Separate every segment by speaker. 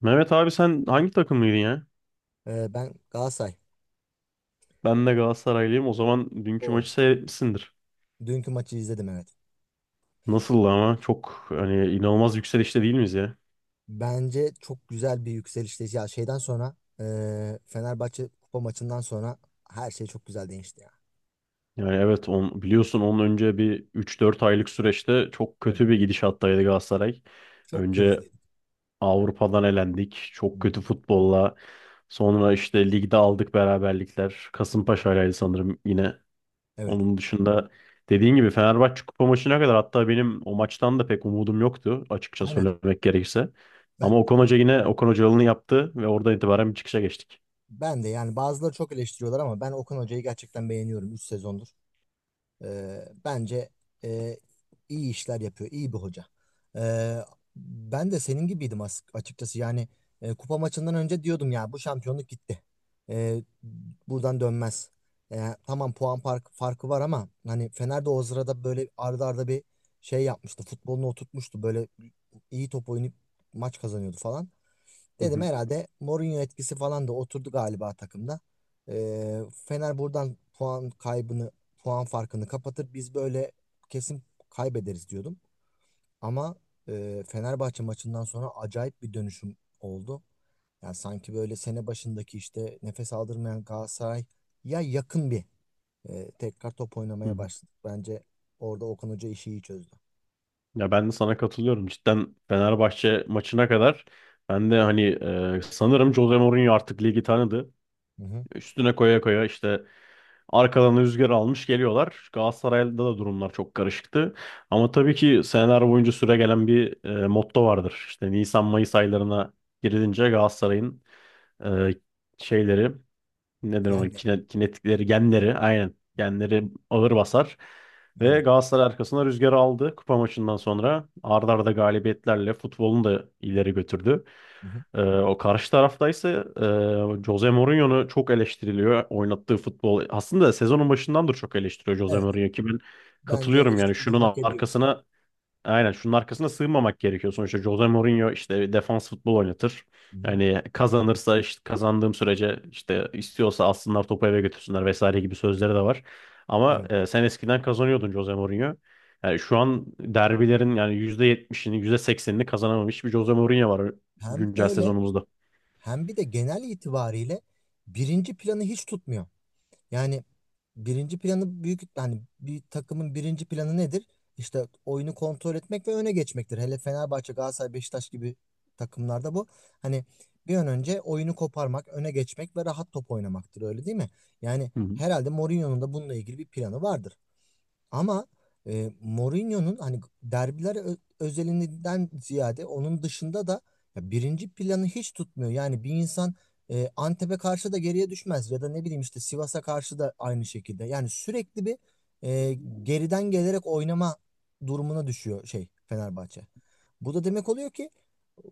Speaker 1: Mehmet abi sen hangi takımlıydın ya?
Speaker 2: Ben Galatasaray.
Speaker 1: Ben de Galatasaraylıyım. O zaman dünkü
Speaker 2: O.
Speaker 1: maçı seyretmişsindir.
Speaker 2: Dünkü maçı izledim, evet.
Speaker 1: Nasıldı ama? Çok hani inanılmaz yükselişte değil miyiz ya?
Speaker 2: Bence çok güzel bir yükselişte. Ya, şeyden sonra Fenerbahçe kupa maçından sonra her şey çok güzel değişti ya.
Speaker 1: Yani evet biliyorsun onun önce bir üç dört aylık süreçte çok
Speaker 2: Evet.
Speaker 1: kötü bir gidişattaydı Galatasaray.
Speaker 2: Çok
Speaker 1: Önce
Speaker 2: krizliydi.
Speaker 1: Avrupa'dan elendik.
Speaker 2: Hı
Speaker 1: Çok
Speaker 2: hı.
Speaker 1: kötü futbolla. Sonra işte ligde aldık beraberlikler. Kasımpaşa'ylaydı sanırım yine.
Speaker 2: Evet.
Speaker 1: Onun dışında dediğin gibi Fenerbahçe kupa maçına kadar hatta benim o maçtan da pek umudum yoktu açıkça
Speaker 2: Aynen.
Speaker 1: söylemek gerekirse.
Speaker 2: Ben
Speaker 1: Ama Okan Hoca yine Okan Hocalı'nı yaptı ve oradan itibaren bir çıkışa geçtik.
Speaker 2: ben de, yani bazıları çok eleştiriyorlar ama ben Okan Hoca'yı gerçekten beğeniyorum 3 sezondur. Bence e, iyi işler yapıyor, iyi bir hoca. Ee, ben de senin gibiydim açıkçası. Yani kupa maçından önce diyordum ya bu şampiyonluk gitti. Ee, buradan dönmez. Tamam, puan farkı var ama hani Fener de o sırada böyle ardı arda bir şey yapmıştı. Futbolunu oturtmuştu. Böyle iyi top oynayıp maç kazanıyordu falan.
Speaker 1: Hı
Speaker 2: Dedim
Speaker 1: hı,
Speaker 2: herhalde Mourinho etkisi falan da oturdu galiba takımda. Fener buradan puan kaybını, puan farkını kapatır. Biz böyle kesin kaybederiz diyordum. Ama Fenerbahçe maçından sonra acayip bir dönüşüm oldu. Yani sanki böyle sene başındaki işte nefes aldırmayan Galatasaray ya yakın bir tekrar top
Speaker 1: hı
Speaker 2: oynamaya
Speaker 1: hı.
Speaker 2: başladık. Bence orada Okan Hoca işi iyi çözdü.
Speaker 1: Ya ben de sana katılıyorum. Cidden Fenerbahçe maçına kadar ben de hani sanırım Jose Mourinho artık ligi tanıdı.
Speaker 2: Hı hı.
Speaker 1: Üstüne koya koya işte arkadan rüzgar almış geliyorlar. Galatasaray'da da durumlar çok karışıktı. Ama tabii ki seneler boyunca süre gelen bir motto vardır. İşte Nisan-Mayıs aylarına girilince Galatasaray'ın e, şeyleri neden ona
Speaker 2: Genleri.
Speaker 1: kinetikleri, genleri aynen. Genleri ağır basar. Ve
Speaker 2: Aynen.
Speaker 1: Galatasaray arkasına rüzgarı aldı kupa maçından sonra. Arda arda galibiyetlerle futbolunu da ileri götürdü.
Speaker 2: Hı hı.
Speaker 1: O karşı tarafta ise Jose Mourinho'nu çok eleştiriliyor. Oynattığı futbol aslında sezonun başından da çok eleştiriyor Jose
Speaker 2: Evet.
Speaker 1: Mourinho ki ben
Speaker 2: Bence
Speaker 1: katılıyorum yani
Speaker 2: eleştiri de
Speaker 1: şunun
Speaker 2: hak ediyor.
Speaker 1: arkasına aynen şunun arkasına sığınmamak gerekiyor. Sonuçta Jose Mourinho işte defans futbol oynatır.
Speaker 2: Hı hı.
Speaker 1: Yani kazanırsa işte kazandığım sürece işte istiyorsa alsınlar topu eve götürsünler vesaire gibi sözleri de var. Ama
Speaker 2: Evet.
Speaker 1: sen eskiden kazanıyordun Jose Mourinho. Yani şu an derbilerin yani yüzde yetmişini yüzde seksenini kazanamamış bir Jose Mourinho var
Speaker 2: Hem
Speaker 1: güncel
Speaker 2: öyle,
Speaker 1: sezonumuzda.
Speaker 2: hem bir de genel itibariyle birinci planı hiç tutmuyor. Yani birinci planı büyük, hani bir takımın birinci planı nedir? İşte oyunu kontrol etmek ve öne geçmektir. Hele Fenerbahçe, Galatasaray, Beşiktaş gibi takımlarda bu. Hani bir an önce oyunu koparmak, öne geçmek ve rahat top oynamaktır, öyle değil mi? Yani
Speaker 1: Hı hı.
Speaker 2: herhalde Mourinho'nun da bununla ilgili bir planı vardır. Ama Mourinho'nun hani derbiler özelinden ziyade onun dışında da ya birinci planı hiç tutmuyor. Yani bir insan Antep'e karşı da geriye düşmez ya da ne bileyim işte Sivas'a karşı da aynı şekilde. Yani sürekli bir e, geriden gelerek oynama durumuna düşüyor şey Fenerbahçe. Bu da demek oluyor ki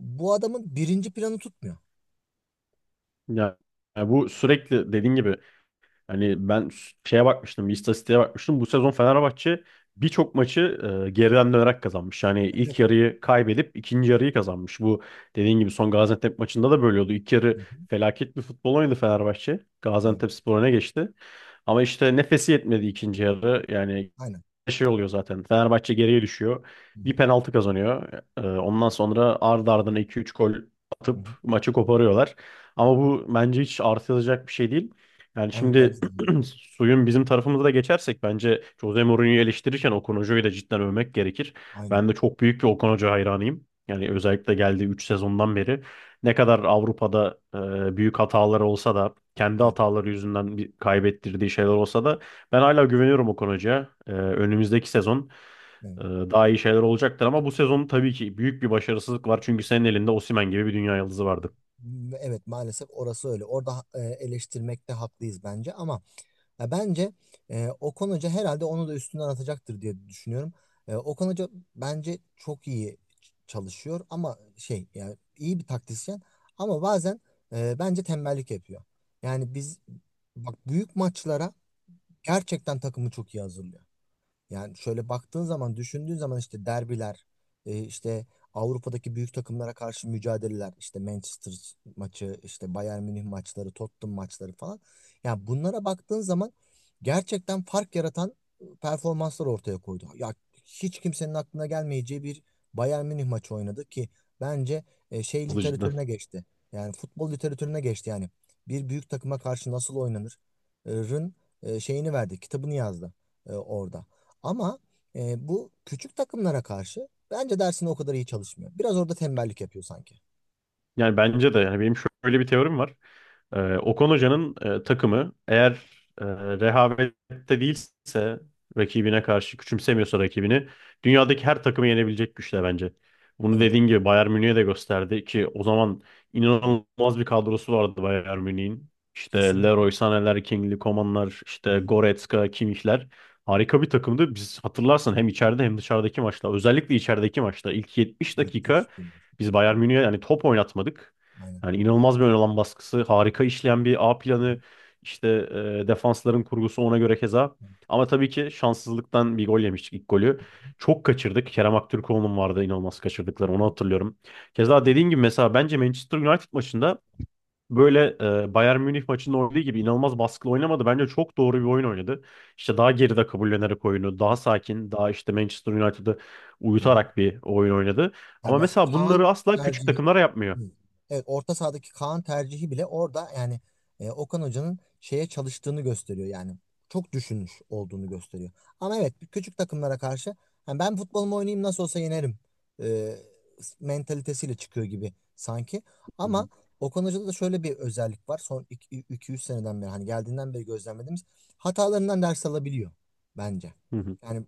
Speaker 2: bu adamın birinci planı tutmuyor.
Speaker 1: Yani, yani, bu sürekli dediğin gibi hani ben şeye bakmıştım, bir istatistiğe bakmıştım. Bu sezon Fenerbahçe birçok maçı geriden dönerek kazanmış. Yani ilk
Speaker 2: Evet.
Speaker 1: yarıyı kaybedip ikinci yarıyı kazanmış. Bu dediğin gibi son Gaziantep maçında da böyle oldu. İlk
Speaker 2: Hı
Speaker 1: yarı
Speaker 2: hı.
Speaker 1: felaket bir futbol oynadı Fenerbahçe.
Speaker 2: Evet.
Speaker 1: Gaziantep Spor öne geçti. Ama işte nefesi yetmedi ikinci yarı. Yani
Speaker 2: Aynen.
Speaker 1: şey oluyor zaten. Fenerbahçe geriye düşüyor.
Speaker 2: Hı
Speaker 1: Bir
Speaker 2: hı.
Speaker 1: penaltı kazanıyor. Ondan sonra ardı ardına 2-3 gol
Speaker 2: Hı
Speaker 1: atıp
Speaker 2: hı.
Speaker 1: maçı koparıyorlar. Ama bu bence hiç artılacak bir şey değil. Yani
Speaker 2: Ben-
Speaker 1: şimdi
Speaker 2: Bence de.
Speaker 1: suyun bizim tarafımıza da geçersek bence Jose Mourinho'yu eleştirirken Okan Hoca'yı da cidden övmek gerekir.
Speaker 2: Aynen.
Speaker 1: Ben de çok büyük bir Okan Hoca hayranıyım. Yani
Speaker 2: Hı.
Speaker 1: özellikle geldiği 3 sezondan beri ne kadar Avrupa'da büyük hataları olsa da kendi
Speaker 2: Evet.
Speaker 1: hataları yüzünden kaybettirdiği şeyler olsa da ben hala güveniyorum Okan Hoca'ya. Önümüzdeki sezon
Speaker 2: Evet.
Speaker 1: daha iyi şeyler olacaktır ama bu sezon tabii ki büyük bir başarısızlık var. Çünkü senin elinde Osimhen gibi bir dünya yıldızı vardı.
Speaker 2: Evet, maalesef orası öyle. Orada eleştirmekte haklıyız bence ama ya bence Okan Hoca herhalde onu da üstünden atacaktır diye düşünüyorum. Okan Hoca bence çok iyi çalışıyor ama şey yani iyi bir taktisyen, ama bazen bence tembellik yapıyor. Yani biz, bak, büyük maçlara gerçekten takımı çok iyi hazırlıyor. Yani şöyle baktığın zaman, düşündüğün zaman, işte derbiler, işte Avrupa'daki büyük takımlara karşı mücadeleler, işte Manchester maçı, işte Bayern Münih maçları, Tottenham maçları falan. Yani bunlara baktığın zaman gerçekten fark yaratan performanslar ortaya koydu. Ya, hiç kimsenin aklına gelmeyeceği bir Bayern Münih maçı oynadı ki bence şey
Speaker 1: Hızlı cidden.
Speaker 2: literatürüne geçti. Yani futbol literatürüne geçti yani. Bir büyük takıma karşı nasıl oynanır? Rın şeyini verdi, kitabını yazdı orada. Ama bu küçük takımlara karşı bence dersini o kadar iyi çalışmıyor. Biraz orada tembellik yapıyor sanki.
Speaker 1: Yani bence de yani benim şöyle bir teorim var. Okan Hoca'nın takımı eğer e, rehavette değilse rakibine karşı küçümsemiyorsa rakibini dünyadaki her takımı yenebilecek güçte bence. Bunu
Speaker 2: Evet.
Speaker 1: dediğin gibi Bayern Münih'e de gösterdi ki o zaman
Speaker 2: Hı.
Speaker 1: inanılmaz bir kadrosu vardı Bayern Münih'in. İşte
Speaker 2: Kesinlikle.
Speaker 1: Leroy Sané'ler, King'li Koman'lar,
Speaker 2: Hı
Speaker 1: işte
Speaker 2: hı.
Speaker 1: Goretzka, Kimmich'ler. Harika bir takımdı. Biz hatırlarsan hem içeride hem dışarıdaki maçta özellikle içerideki maçta ilk 70 dakika
Speaker 2: Müthiş bir-
Speaker 1: biz Bayern
Speaker 2: Evet.
Speaker 1: Münih'e yani top oynatmadık.
Speaker 2: Aynen.
Speaker 1: Yani inanılmaz bir ön alan baskısı, harika işleyen bir A
Speaker 2: Hı hı.
Speaker 1: planı, işte defansların kurgusu ona göre keza.
Speaker 2: Evet.
Speaker 1: Ama tabii ki şanssızlıktan bir gol yemiştik ilk golü. Çok kaçırdık. Kerem Aktürkoğlu'nun vardı inanılmaz
Speaker 2: Hı
Speaker 1: kaçırdıkları onu
Speaker 2: hı.
Speaker 1: hatırlıyorum. Keza
Speaker 2: Evet.
Speaker 1: dediğin gibi mesela bence Manchester United maçında böyle Bayern Münih maçında oynadığı gibi inanılmaz baskılı oynamadı. Bence çok doğru bir oyun oynadı. İşte daha geride kabullenerek oyunu, daha
Speaker 2: Evet.
Speaker 1: sakin, daha işte Manchester United'ı
Speaker 2: Hı hı.
Speaker 1: uyutarak bir oyun oynadı.
Speaker 2: Yani
Speaker 1: Ama
Speaker 2: mesela
Speaker 1: mesela bunları
Speaker 2: Kaan
Speaker 1: asla küçük
Speaker 2: tercihi.
Speaker 1: takımlara yapmıyor.
Speaker 2: Hı. Evet, orta sahadaki Kaan tercihi bile orada yani Okan Hoca'nın şeye çalıştığını gösteriyor yani çok düşünmüş olduğunu gösteriyor. Ama evet, küçük takımlara karşı yani ben futbolumu oynayayım nasıl olsa yenerim e, mentalitesiyle çıkıyor gibi sanki.
Speaker 1: Hı
Speaker 2: Ama
Speaker 1: hı.
Speaker 2: Okan Hoca'da da şöyle bir özellik var, son 200 seneden beri hani geldiğinden beri gözlemlediğimiz hatalarından ders alabiliyor bence.
Speaker 1: Hı hı.
Speaker 2: Yani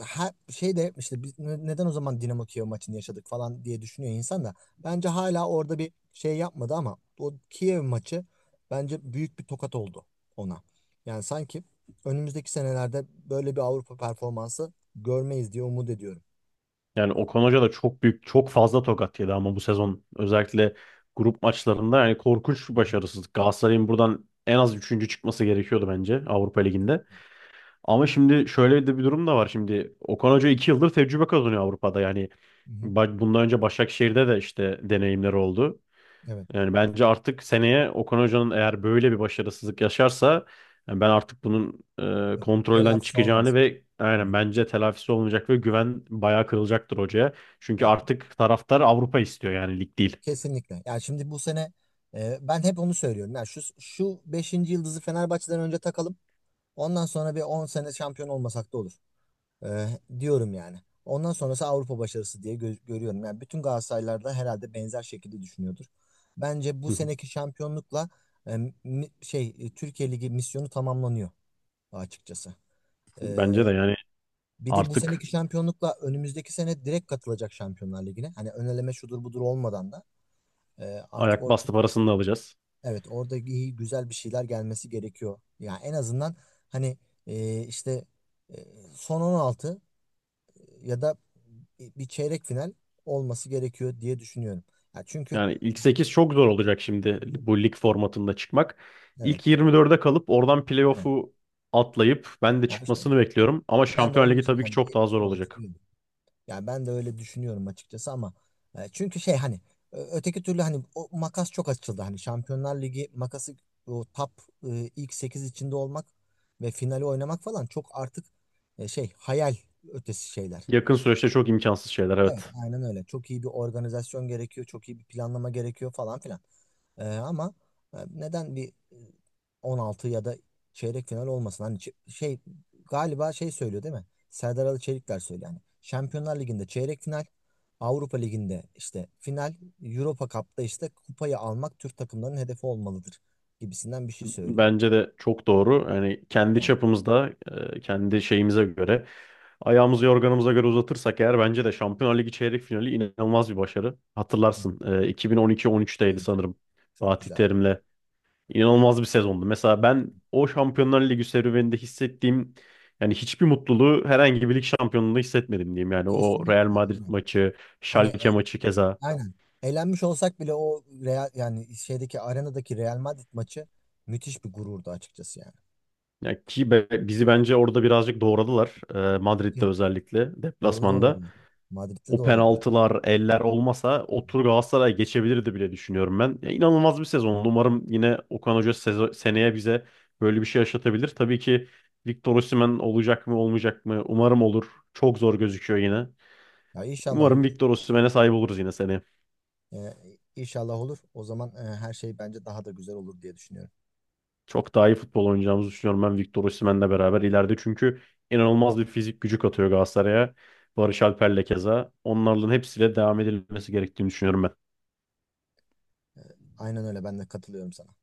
Speaker 2: her şey de işte biz neden o zaman Dinamo Kiev maçını yaşadık falan diye düşünüyor insan da bence hala orada bir şey yapmadı ama o Kiev maçı bence büyük bir tokat oldu ona. Yani sanki önümüzdeki senelerde böyle bir Avrupa performansı görmeyiz diye umut ediyorum.
Speaker 1: Yani
Speaker 2: Yok.
Speaker 1: Okan Hoca da çok büyük, çok fazla tokat yedi ama bu sezon özellikle grup maçlarında yani korkunç
Speaker 2: Hı
Speaker 1: bir
Speaker 2: hı.
Speaker 1: başarısızlık. Galatasaray'ın buradan en az üçüncü çıkması gerekiyordu bence Avrupa Ligi'nde. Ama şimdi şöyle de bir durum da var. Şimdi Okan Hoca iki yıldır tecrübe kazanıyor Avrupa'da. Yani
Speaker 2: Hı hı.
Speaker 1: bundan önce Başakşehir'de de işte deneyimleri oldu.
Speaker 2: Evet.
Speaker 1: Yani bence artık seneye Okan Hoca'nın eğer böyle bir başarısızlık yaşarsa yani ben artık bunun
Speaker 2: Yok.
Speaker 1: kontrolden
Speaker 2: Telafisi olmaz.
Speaker 1: çıkacağını ve
Speaker 2: Hı
Speaker 1: aynen
Speaker 2: hı.
Speaker 1: bence telafisi olmayacak ve güven bayağı kırılacaktır hocaya. Çünkü
Speaker 2: Ya,
Speaker 1: artık taraftar Avrupa istiyor yani lig değil.
Speaker 2: kesinlikle. Yani şimdi bu sene ben hep onu söylüyorum. Yani şu 5. yıldızı Fenerbahçe'den önce takalım. Ondan sonra bir 10 sene şampiyon olmasak da olur. Diyorum yani. Ondan sonrası Avrupa başarısı diye görüyorum. Yani bütün Galatasaraylılar da herhalde benzer şekilde düşünüyordur. Bence bu
Speaker 1: Hı hı.
Speaker 2: seneki şampiyonlukla e, şey Türkiye Ligi misyonu tamamlanıyor açıkçası.
Speaker 1: Bence de
Speaker 2: Ee,
Speaker 1: yani
Speaker 2: bir de bu
Speaker 1: artık
Speaker 2: seneki şampiyonlukla önümüzdeki sene direkt katılacak Şampiyonlar Ligi'ne. Hani öneleme şudur budur olmadan da artık
Speaker 1: ayak
Speaker 2: orada,
Speaker 1: bastı parasını da alacağız.
Speaker 2: evet, orada iyi güzel bir şeyler gelmesi gerekiyor. Yani en azından hani işte e, son 16 ya da bir çeyrek final olması gerekiyor diye düşünüyorum. Ya çünkü...
Speaker 1: Yani ilk sekiz çok zor olacak şimdi
Speaker 2: Hı hı.
Speaker 1: bu lig formatında çıkmak.
Speaker 2: Evet.
Speaker 1: İlk 24'e kalıp oradan
Speaker 2: Aynen.
Speaker 1: playoff'u atlayıp ben de
Speaker 2: Ya işte
Speaker 1: çıkmasını bekliyorum. Ama
Speaker 2: ben de
Speaker 1: Şampiyon
Speaker 2: onun
Speaker 1: Ligi
Speaker 2: için
Speaker 1: tabii ki
Speaker 2: yani
Speaker 1: çok
Speaker 2: bir
Speaker 1: daha zor
Speaker 2: 16
Speaker 1: olacak.
Speaker 2: diyorum. Yani ben de öyle düşünüyorum açıkçası ama çünkü şey hani öteki türlü hani o makas çok açıldı. Hani Şampiyonlar Ligi makası, o top ilk 8 içinde olmak ve finali oynamak falan çok artık şey hayal ötesi şeyler.
Speaker 1: Yakın süreçte çok imkansız şeyler
Speaker 2: Evet,
Speaker 1: evet.
Speaker 2: aynen öyle. Çok iyi bir organizasyon gerekiyor, çok iyi bir planlama gerekiyor falan filan. Ama neden bir 16 ya da çeyrek final olmasın? Hani şey galiba şey söylüyor değil mi? Serdar Ali Çelikler söylüyor yani. Şampiyonlar Ligi'nde çeyrek final, Avrupa Ligi'nde işte final, Europa Cup'ta işte kupayı almak Türk takımlarının hedefi olmalıdır gibisinden bir şey söylüyor.
Speaker 1: Bence de çok doğru. Yani kendi
Speaker 2: Yani,
Speaker 1: çapımızda, kendi şeyimize göre, ayağımızı yorganımıza göre uzatırsak eğer bence de Şampiyonlar Ligi çeyrek finali inanılmaz bir başarı.
Speaker 2: hı,
Speaker 1: Hatırlarsın, 2012-13'teydi
Speaker 2: evet,
Speaker 1: sanırım
Speaker 2: çok
Speaker 1: Fatih
Speaker 2: güzel.
Speaker 1: Terim'le. İnanılmaz bir sezondu. Mesela ben o Şampiyonlar Ligi serüveninde hissettiğim yani hiçbir mutluluğu herhangi bir lig şampiyonluğunda hissetmedim diyeyim. Yani o Real
Speaker 2: Kesinlikle.
Speaker 1: Madrid
Speaker 2: Aynen.
Speaker 1: maçı,
Speaker 2: Hani.
Speaker 1: Schalke maçı keza.
Speaker 2: Aynen. Eğlenmiş olsak bile o Real yani şeydeki arenadaki Real Madrid maçı müthiş bir gururdu açıkçası yani.
Speaker 1: Ya ki bizi bence orada birazcık doğradılar. Madrid'de
Speaker 2: Değil.
Speaker 1: özellikle
Speaker 2: Orada da
Speaker 1: deplasmanda.
Speaker 2: uğradılar. Madrid'de de
Speaker 1: O
Speaker 2: uğradılar.
Speaker 1: penaltılar, eller olmasa
Speaker 2: Hı
Speaker 1: o
Speaker 2: hı.
Speaker 1: tur Galatasaray geçebilirdi bile düşünüyorum ben. Ya, inanılmaz bir sezon. Umarım yine Okan Hoca seneye bize böyle bir şey yaşatabilir. Tabii ki Victor Osimhen olacak mı olmayacak mı? Umarım olur. Çok zor gözüküyor yine.
Speaker 2: Ya, inşallah
Speaker 1: Umarım
Speaker 2: olur.
Speaker 1: Victor Osimhen'e sahip oluruz yine seneye.
Speaker 2: Ee, inşallah olur. O zaman her şey bence daha da güzel olur diye düşünüyorum.
Speaker 1: Çok daha iyi futbol oynayacağımızı düşünüyorum ben Victor Osimhen'le beraber ileride. Çünkü inanılmaz bir fizik gücü katıyor Galatasaray'a. Barış Alper'le keza. Onların hepsiyle devam edilmesi gerektiğini düşünüyorum ben.
Speaker 2: Ee, aynen öyle, ben de katılıyorum sana.